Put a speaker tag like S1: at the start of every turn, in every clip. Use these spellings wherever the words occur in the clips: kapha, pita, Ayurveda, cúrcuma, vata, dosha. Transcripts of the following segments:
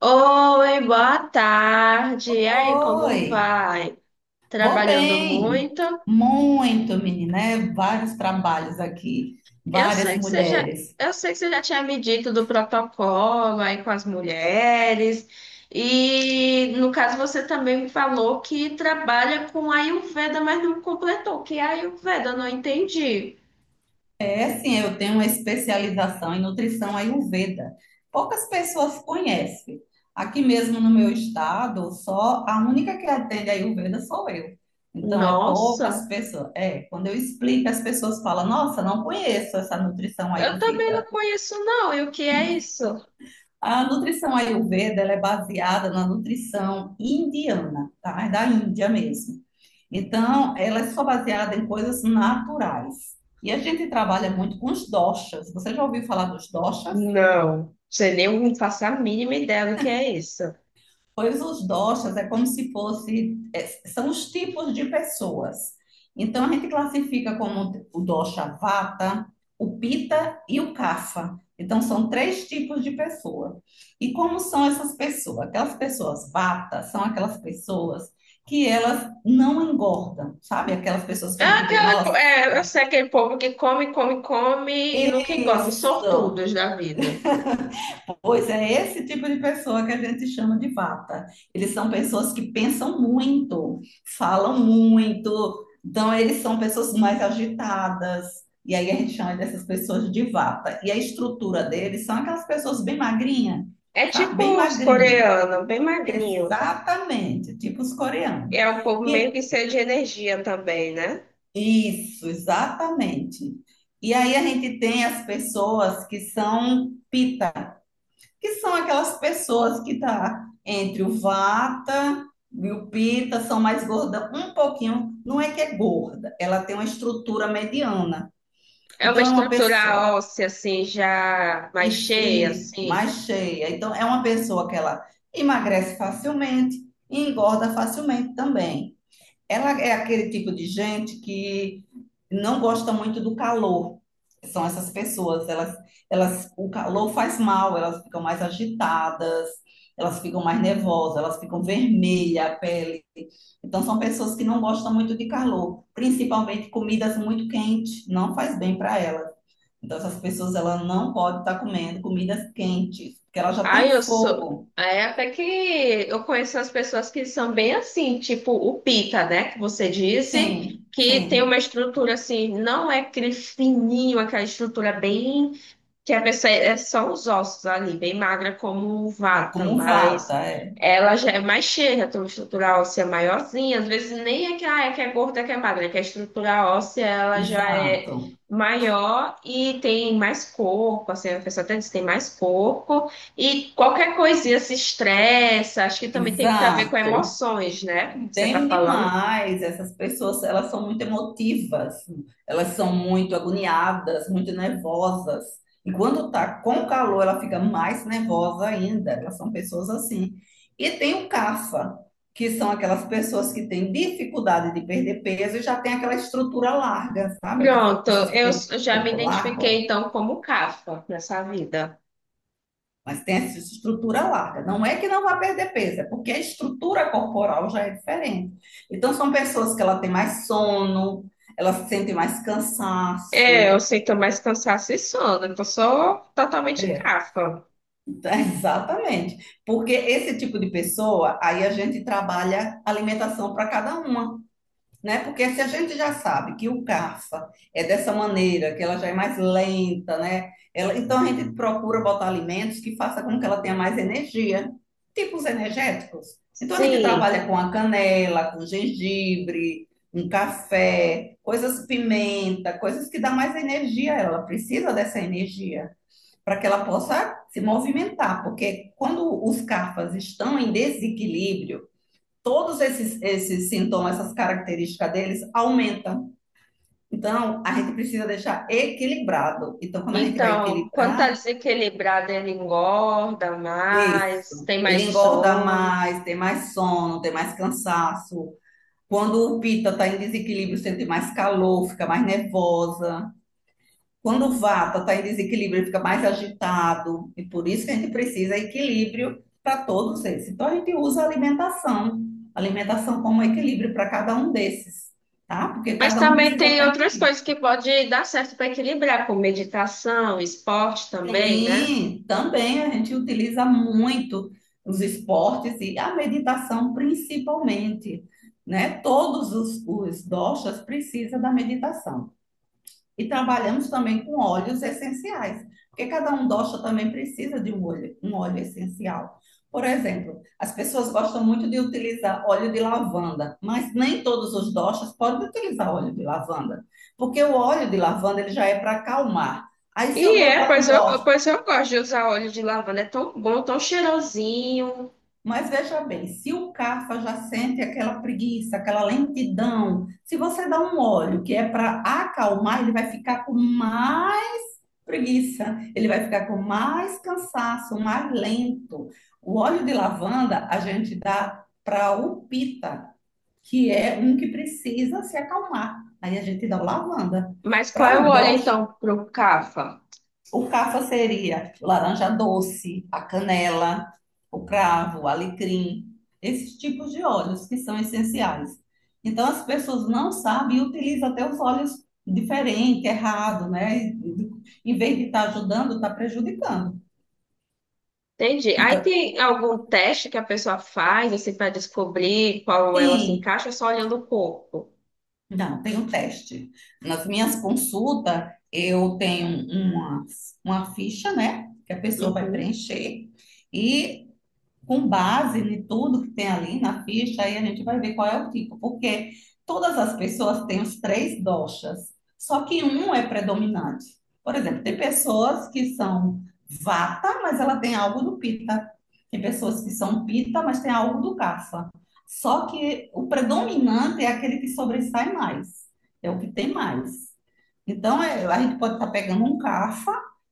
S1: Oi, boa tarde. E aí,
S2: Oi,
S1: como vai?
S2: vou
S1: Trabalhando
S2: bem.
S1: muito?
S2: Muito, menina, é vários trabalhos aqui,
S1: Eu
S2: várias
S1: sei que você já,
S2: mulheres.
S1: eu sei que você já tinha me dito do protocolo aí com as mulheres. E no caso você também me falou que trabalha com Ayurveda, mas não completou. Que é Ayurveda? Eu não entendi.
S2: É sim, eu tenho uma especialização em nutrição Ayurveda. Poucas pessoas conhecem. Aqui mesmo no meu estado, só a única que atende Ayurveda sou eu. Então é
S1: Nossa,
S2: poucas pessoas. É, quando eu explico, as pessoas falam: "Nossa, não conheço essa nutrição
S1: eu também não
S2: Ayurveda".
S1: conheço não. E o que é isso?
S2: A nutrição Ayurveda, ela é baseada na nutrição indiana, tá? É da Índia mesmo. Então, ela é só baseada em coisas naturais. E a gente trabalha muito com os doshas. Você já ouviu falar dos doshas?
S1: Não, você nem faço a mínima ideia do que é isso.
S2: Pois os doshas é como se fosse, são os tipos de pessoas. Então a gente classifica como o dosha vata, o pita e o kapha. Então são três tipos de pessoa. E como são essas pessoas? Aquelas pessoas vata são aquelas pessoas que elas não engordam, sabe? Aquelas pessoas que a gente vê, nossa,
S1: Eu sei aquele povo que come, come, come e nunca engorda, os
S2: isso.
S1: sortudos da vida.
S2: Pois é esse tipo de pessoa que a gente chama de vata. Eles são pessoas que pensam muito, falam muito, então eles são pessoas mais agitadas. E aí a gente chama dessas pessoas de vata. E a estrutura deles são aquelas pessoas bem magrinha,
S1: É
S2: sabe?
S1: tipo
S2: Bem
S1: os
S2: magrinha.
S1: coreanos, bem magrinho.
S2: Exatamente, tipo os coreanos.
S1: É um povo meio
S2: E
S1: que cheio de energia também, né?
S2: isso, exatamente. E aí a gente tem as pessoas que são pita, que são aquelas pessoas que tá entre o vata e o pita, são mais gorda um pouquinho, não é que é gorda, ela tem uma estrutura mediana.
S1: É uma
S2: Então é uma pessoa
S1: estrutura óssea, assim, já mais cheia,
S2: e
S1: assim.
S2: mais cheia. Então é uma pessoa que ela emagrece facilmente e engorda facilmente também. Ela é aquele tipo de gente que não gosta muito do calor. São essas pessoas, o calor faz mal, elas ficam mais agitadas, elas ficam mais nervosas, elas ficam vermelha a pele. Então são pessoas que não gostam muito de calor, principalmente comidas muito quentes, não faz bem para elas. Então essas pessoas ela não pode estar comendo comidas quentes, porque ela já tem um
S1: Ai, eu sou.
S2: fogo.
S1: É até que eu conheço as pessoas que são bem assim, tipo o Pita, né? Que você disse,
S2: Sim,
S1: que tem uma
S2: sim,
S1: estrutura assim, não é aquele fininho, aquela estrutura bem que a pessoa é só os ossos ali, bem magra como vata,
S2: como
S1: mas
S2: vata, é.
S1: ela já é mais cheia, tem uma estrutura óssea maiorzinha, às vezes nem é que, ah, é que é gorda, é que é magra, é que a estrutura óssea ela já é
S2: Exato,
S1: maior e tem mais corpo, assim, a pessoa até diz que tem mais corpo, e qualquer coisinha se estressa, acho que também tem muito a ver com
S2: exato.
S1: emoções, né, como você tá
S2: Tem
S1: falando.
S2: demais, essas pessoas, elas são muito emotivas, elas são muito agoniadas, muito nervosas. E quando tá com calor, ela fica mais nervosa ainda. Elas são pessoas assim. E tem o CAFA, que são aquelas pessoas que têm dificuldade de perder peso e já tem aquela estrutura larga, sabe? Aquelas
S1: Pronto,
S2: pessoas que têm
S1: eu já me
S2: corpo largo,
S1: identifiquei então como Cafa nessa vida.
S2: mas tem essa estrutura larga. Não é que não vai perder peso, é porque a estrutura corporal já é diferente. Então, são pessoas que ela tem mais sono, elas sentem mais
S1: É,
S2: cansaço.
S1: eu sinto mais cansaço e sono, então sou totalmente
S2: É.
S1: cafa.
S2: Então, exatamente. Porque esse tipo de pessoa, aí a gente trabalha alimentação para cada uma, né? Porque se a gente já sabe que o CAFA é dessa maneira, que ela já é mais lenta, né? Então a gente procura botar alimentos que faça com que ela tenha mais energia, tipos energéticos. Então a gente
S1: Sim,
S2: trabalha com a canela, com gengibre, um café, coisas pimenta, coisas que dá mais energia a ela. Ela precisa dessa energia para que ela possa se movimentar, porque quando os CAFAs estão em desequilíbrio, todos esses sintomas, essas características deles aumentam. Então, a gente precisa deixar equilibrado. Então, quando a gente vai
S1: então, quando tá
S2: equilibrar,
S1: desequilibrado, ele engorda mais,
S2: isso.
S1: tem
S2: Ele
S1: mais
S2: engorda
S1: sono.
S2: mais, tem mais sono, tem mais cansaço. Quando o pita está em desequilíbrio, sente mais calor, fica mais nervosa. Quando o vata está em desequilíbrio, ele fica mais agitado, e por isso que a gente precisa de equilíbrio para todos esses. Então a gente usa a alimentação como equilíbrio para cada um desses, tá? Porque
S1: Mas
S2: cada um
S1: também
S2: precisa
S1: tem
S2: estar em
S1: outras
S2: equilíbrio.
S1: coisas que pode dar certo para equilibrar, como meditação, esporte também, né?
S2: Sim, também a gente utiliza muito os esportes e a meditação principalmente, né? Todos os doshas precisam da meditação. E trabalhamos também com óleos essenciais, porque cada um dosha também precisa de um óleo essencial. Por exemplo, as pessoas gostam muito de utilizar óleo de lavanda, mas nem todos os doshas podem utilizar óleo de lavanda, porque o óleo de lavanda ele já é para acalmar. Aí se eu dou para
S1: Pois
S2: um dosha,
S1: pois eu gosto de usar óleo de lavanda, é tão bom, tão cheirosinho.
S2: mas veja bem, se o Kapha já sente aquela preguiça, aquela lentidão, se você dá um óleo que é para acalmar, ele vai ficar com mais preguiça. Ele vai ficar com mais cansaço, mais lento. O óleo de lavanda a gente dá para o pita, que é um que precisa se acalmar. Aí a gente dá o lavanda.
S1: Mas qual
S2: Para
S1: é o
S2: o
S1: óleo
S2: dó
S1: então pro cafa?
S2: o cafa seria laranja doce, a canela, o cravo, o alecrim, esses tipos de óleos que são essenciais. Então, as pessoas não sabem e utilizam até os óleos diferente, errado, né? Em vez de estar ajudando, está prejudicando.
S1: Entendi. Aí
S2: Então,
S1: tem algum teste que a pessoa faz, assim, para descobrir qual ela se
S2: sim,
S1: encaixa, só olhando o corpo.
S2: não, tem um teste. Nas minhas consultas, eu tenho uma ficha, né? Que a pessoa vai
S1: Uhum,
S2: preencher. E com base em tudo que tem ali na ficha, aí a gente vai ver qual é o tipo, porque todas as pessoas têm os três doshas, só que um é predominante. Por exemplo, tem pessoas que são vata, mas ela tem algo do pita. Tem pessoas que são pita, mas tem algo do kapha. Só que o predominante é aquele que sobressai mais, é o que tem mais. Então, a gente pode estar pegando um cafa,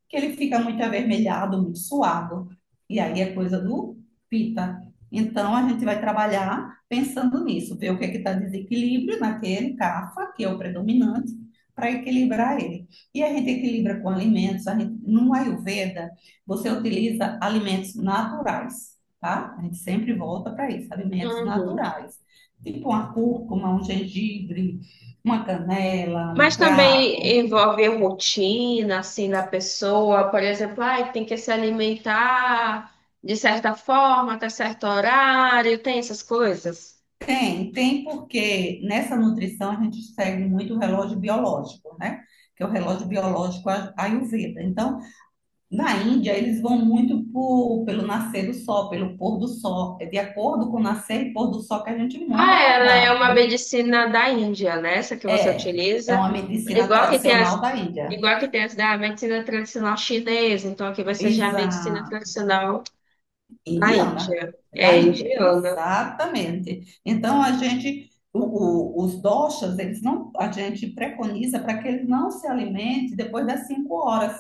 S2: que ele fica muito avermelhado, muito suado. E aí é coisa do pita. Então, a gente vai trabalhar pensando nisso, ver o que é que está desequilíbrio naquele cafa, que é o predominante, para equilibrar ele. E a gente equilibra com alimentos. A gente, no Ayurveda, você utiliza alimentos naturais, tá? A gente sempre volta para isso, alimentos
S1: uhum.
S2: naturais. Tipo uma cúrcuma, um gengibre, uma canela, um
S1: Mas
S2: cravo.
S1: também envolve rotina, assim, da pessoa, por exemplo, ai, tem que se alimentar de certa forma, até certo horário, tem essas coisas.
S2: Tem porque nessa nutrição a gente segue muito o relógio biológico, né? Que é o relógio biológico Ayurveda. Então, na Índia, eles vão muito pelo nascer do sol, pelo pôr do sol. É de acordo com o nascer e pôr do sol que a gente monta o
S1: Ah, ela é uma
S2: cardápio.
S1: medicina da Índia, né? Essa que você
S2: É, é
S1: utiliza.
S2: uma medicina
S1: Igual que tem
S2: tradicional
S1: as,
S2: da Índia.
S1: igual que tem as da medicina tradicional chinesa, então aqui vai ser já a medicina
S2: Exato.
S1: tradicional. Na
S2: Indiana,
S1: Índia.
S2: é da
S1: É
S2: Índia,
S1: indiana.
S2: exatamente. Então a gente, os doshas, eles não, a gente preconiza para que ele não se alimente depois das 5 horas,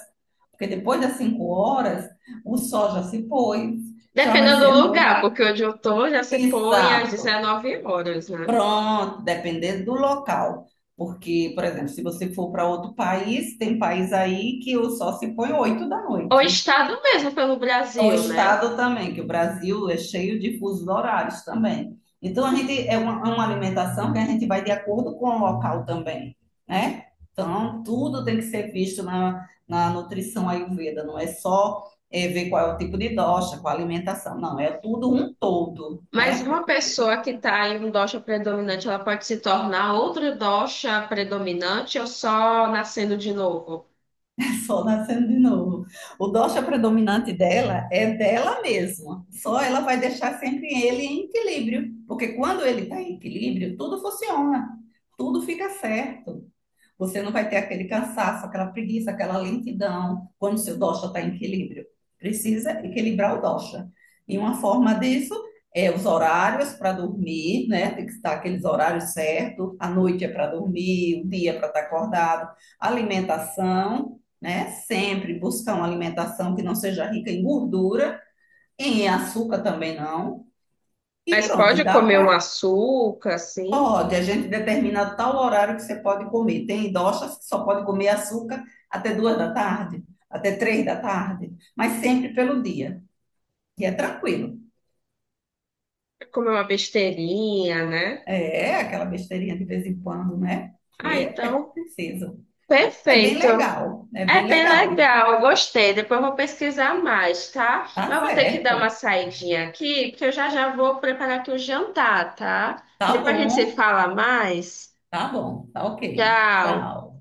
S2: porque depois das 5 horas o sol já se pôs, já vai
S1: Dependendo
S2: ser
S1: do
S2: noite.
S1: lugar, porque onde eu tô já se põe às
S2: Exato.
S1: 19 horas, né?
S2: Pronto, dependendo do local. Porque, por exemplo, se você for para outro país, tem país aí que o sol se põe oito da
S1: Ou
S2: noite.
S1: estado mesmo pelo
S2: O
S1: Brasil, né?
S2: estado também, que o Brasil é cheio de fusos horários também. Então, a gente é uma, alimentação que a gente vai de acordo com o local também, né? Então, tudo tem que ser visto na nutrição Ayurveda, não é só ver qual é o tipo de dosha, qual a alimentação, não, é tudo um todo,
S1: Mas
S2: né? É
S1: uma
S2: tudo.
S1: pessoa que está em um dosha predominante, ela pode se tornar outro dosha predominante ou só nascendo de novo?
S2: Sol nascendo de novo. O dosha predominante dela é dela mesma. Só ela vai deixar sempre ele em equilíbrio, porque quando ele está em equilíbrio, tudo funciona, tudo fica certo. Você não vai ter aquele cansaço, aquela preguiça, aquela lentidão quando o seu dosha está em equilíbrio. Precisa equilibrar o dosha. E uma forma disso é os horários para dormir, né? Tem que estar aqueles horários certos. A noite é para dormir, o dia é para estar acordado. Alimentação, né? Sempre buscar uma alimentação que não seja rica em gordura, em açúcar também não. E
S1: Mas
S2: pronto,
S1: pode
S2: dá
S1: comer um
S2: para
S1: açúcar, assim,
S2: pode, a gente determina tal horário que você pode comer. Tem idosas que só pode comer açúcar até 2 da tarde, até 3 da tarde, mas sempre pelo dia. E é tranquilo.
S1: comer uma besteirinha, né?
S2: É aquela besteirinha de vez em quando, né?
S1: Ah,
S2: É, é
S1: então,
S2: preciso. É bem
S1: perfeito.
S2: legal, é bem
S1: É bem
S2: legal.
S1: legal, eu gostei. Depois eu vou pesquisar mais, tá? Mas
S2: Tá
S1: eu vou ter que dar uma
S2: certo.
S1: saidinha aqui, porque eu já vou preparar aqui o jantar, tá?
S2: Tá
S1: Depois a gente se
S2: bom,
S1: fala mais.
S2: tá bom, tá ok.
S1: Tchau.
S2: Tchau.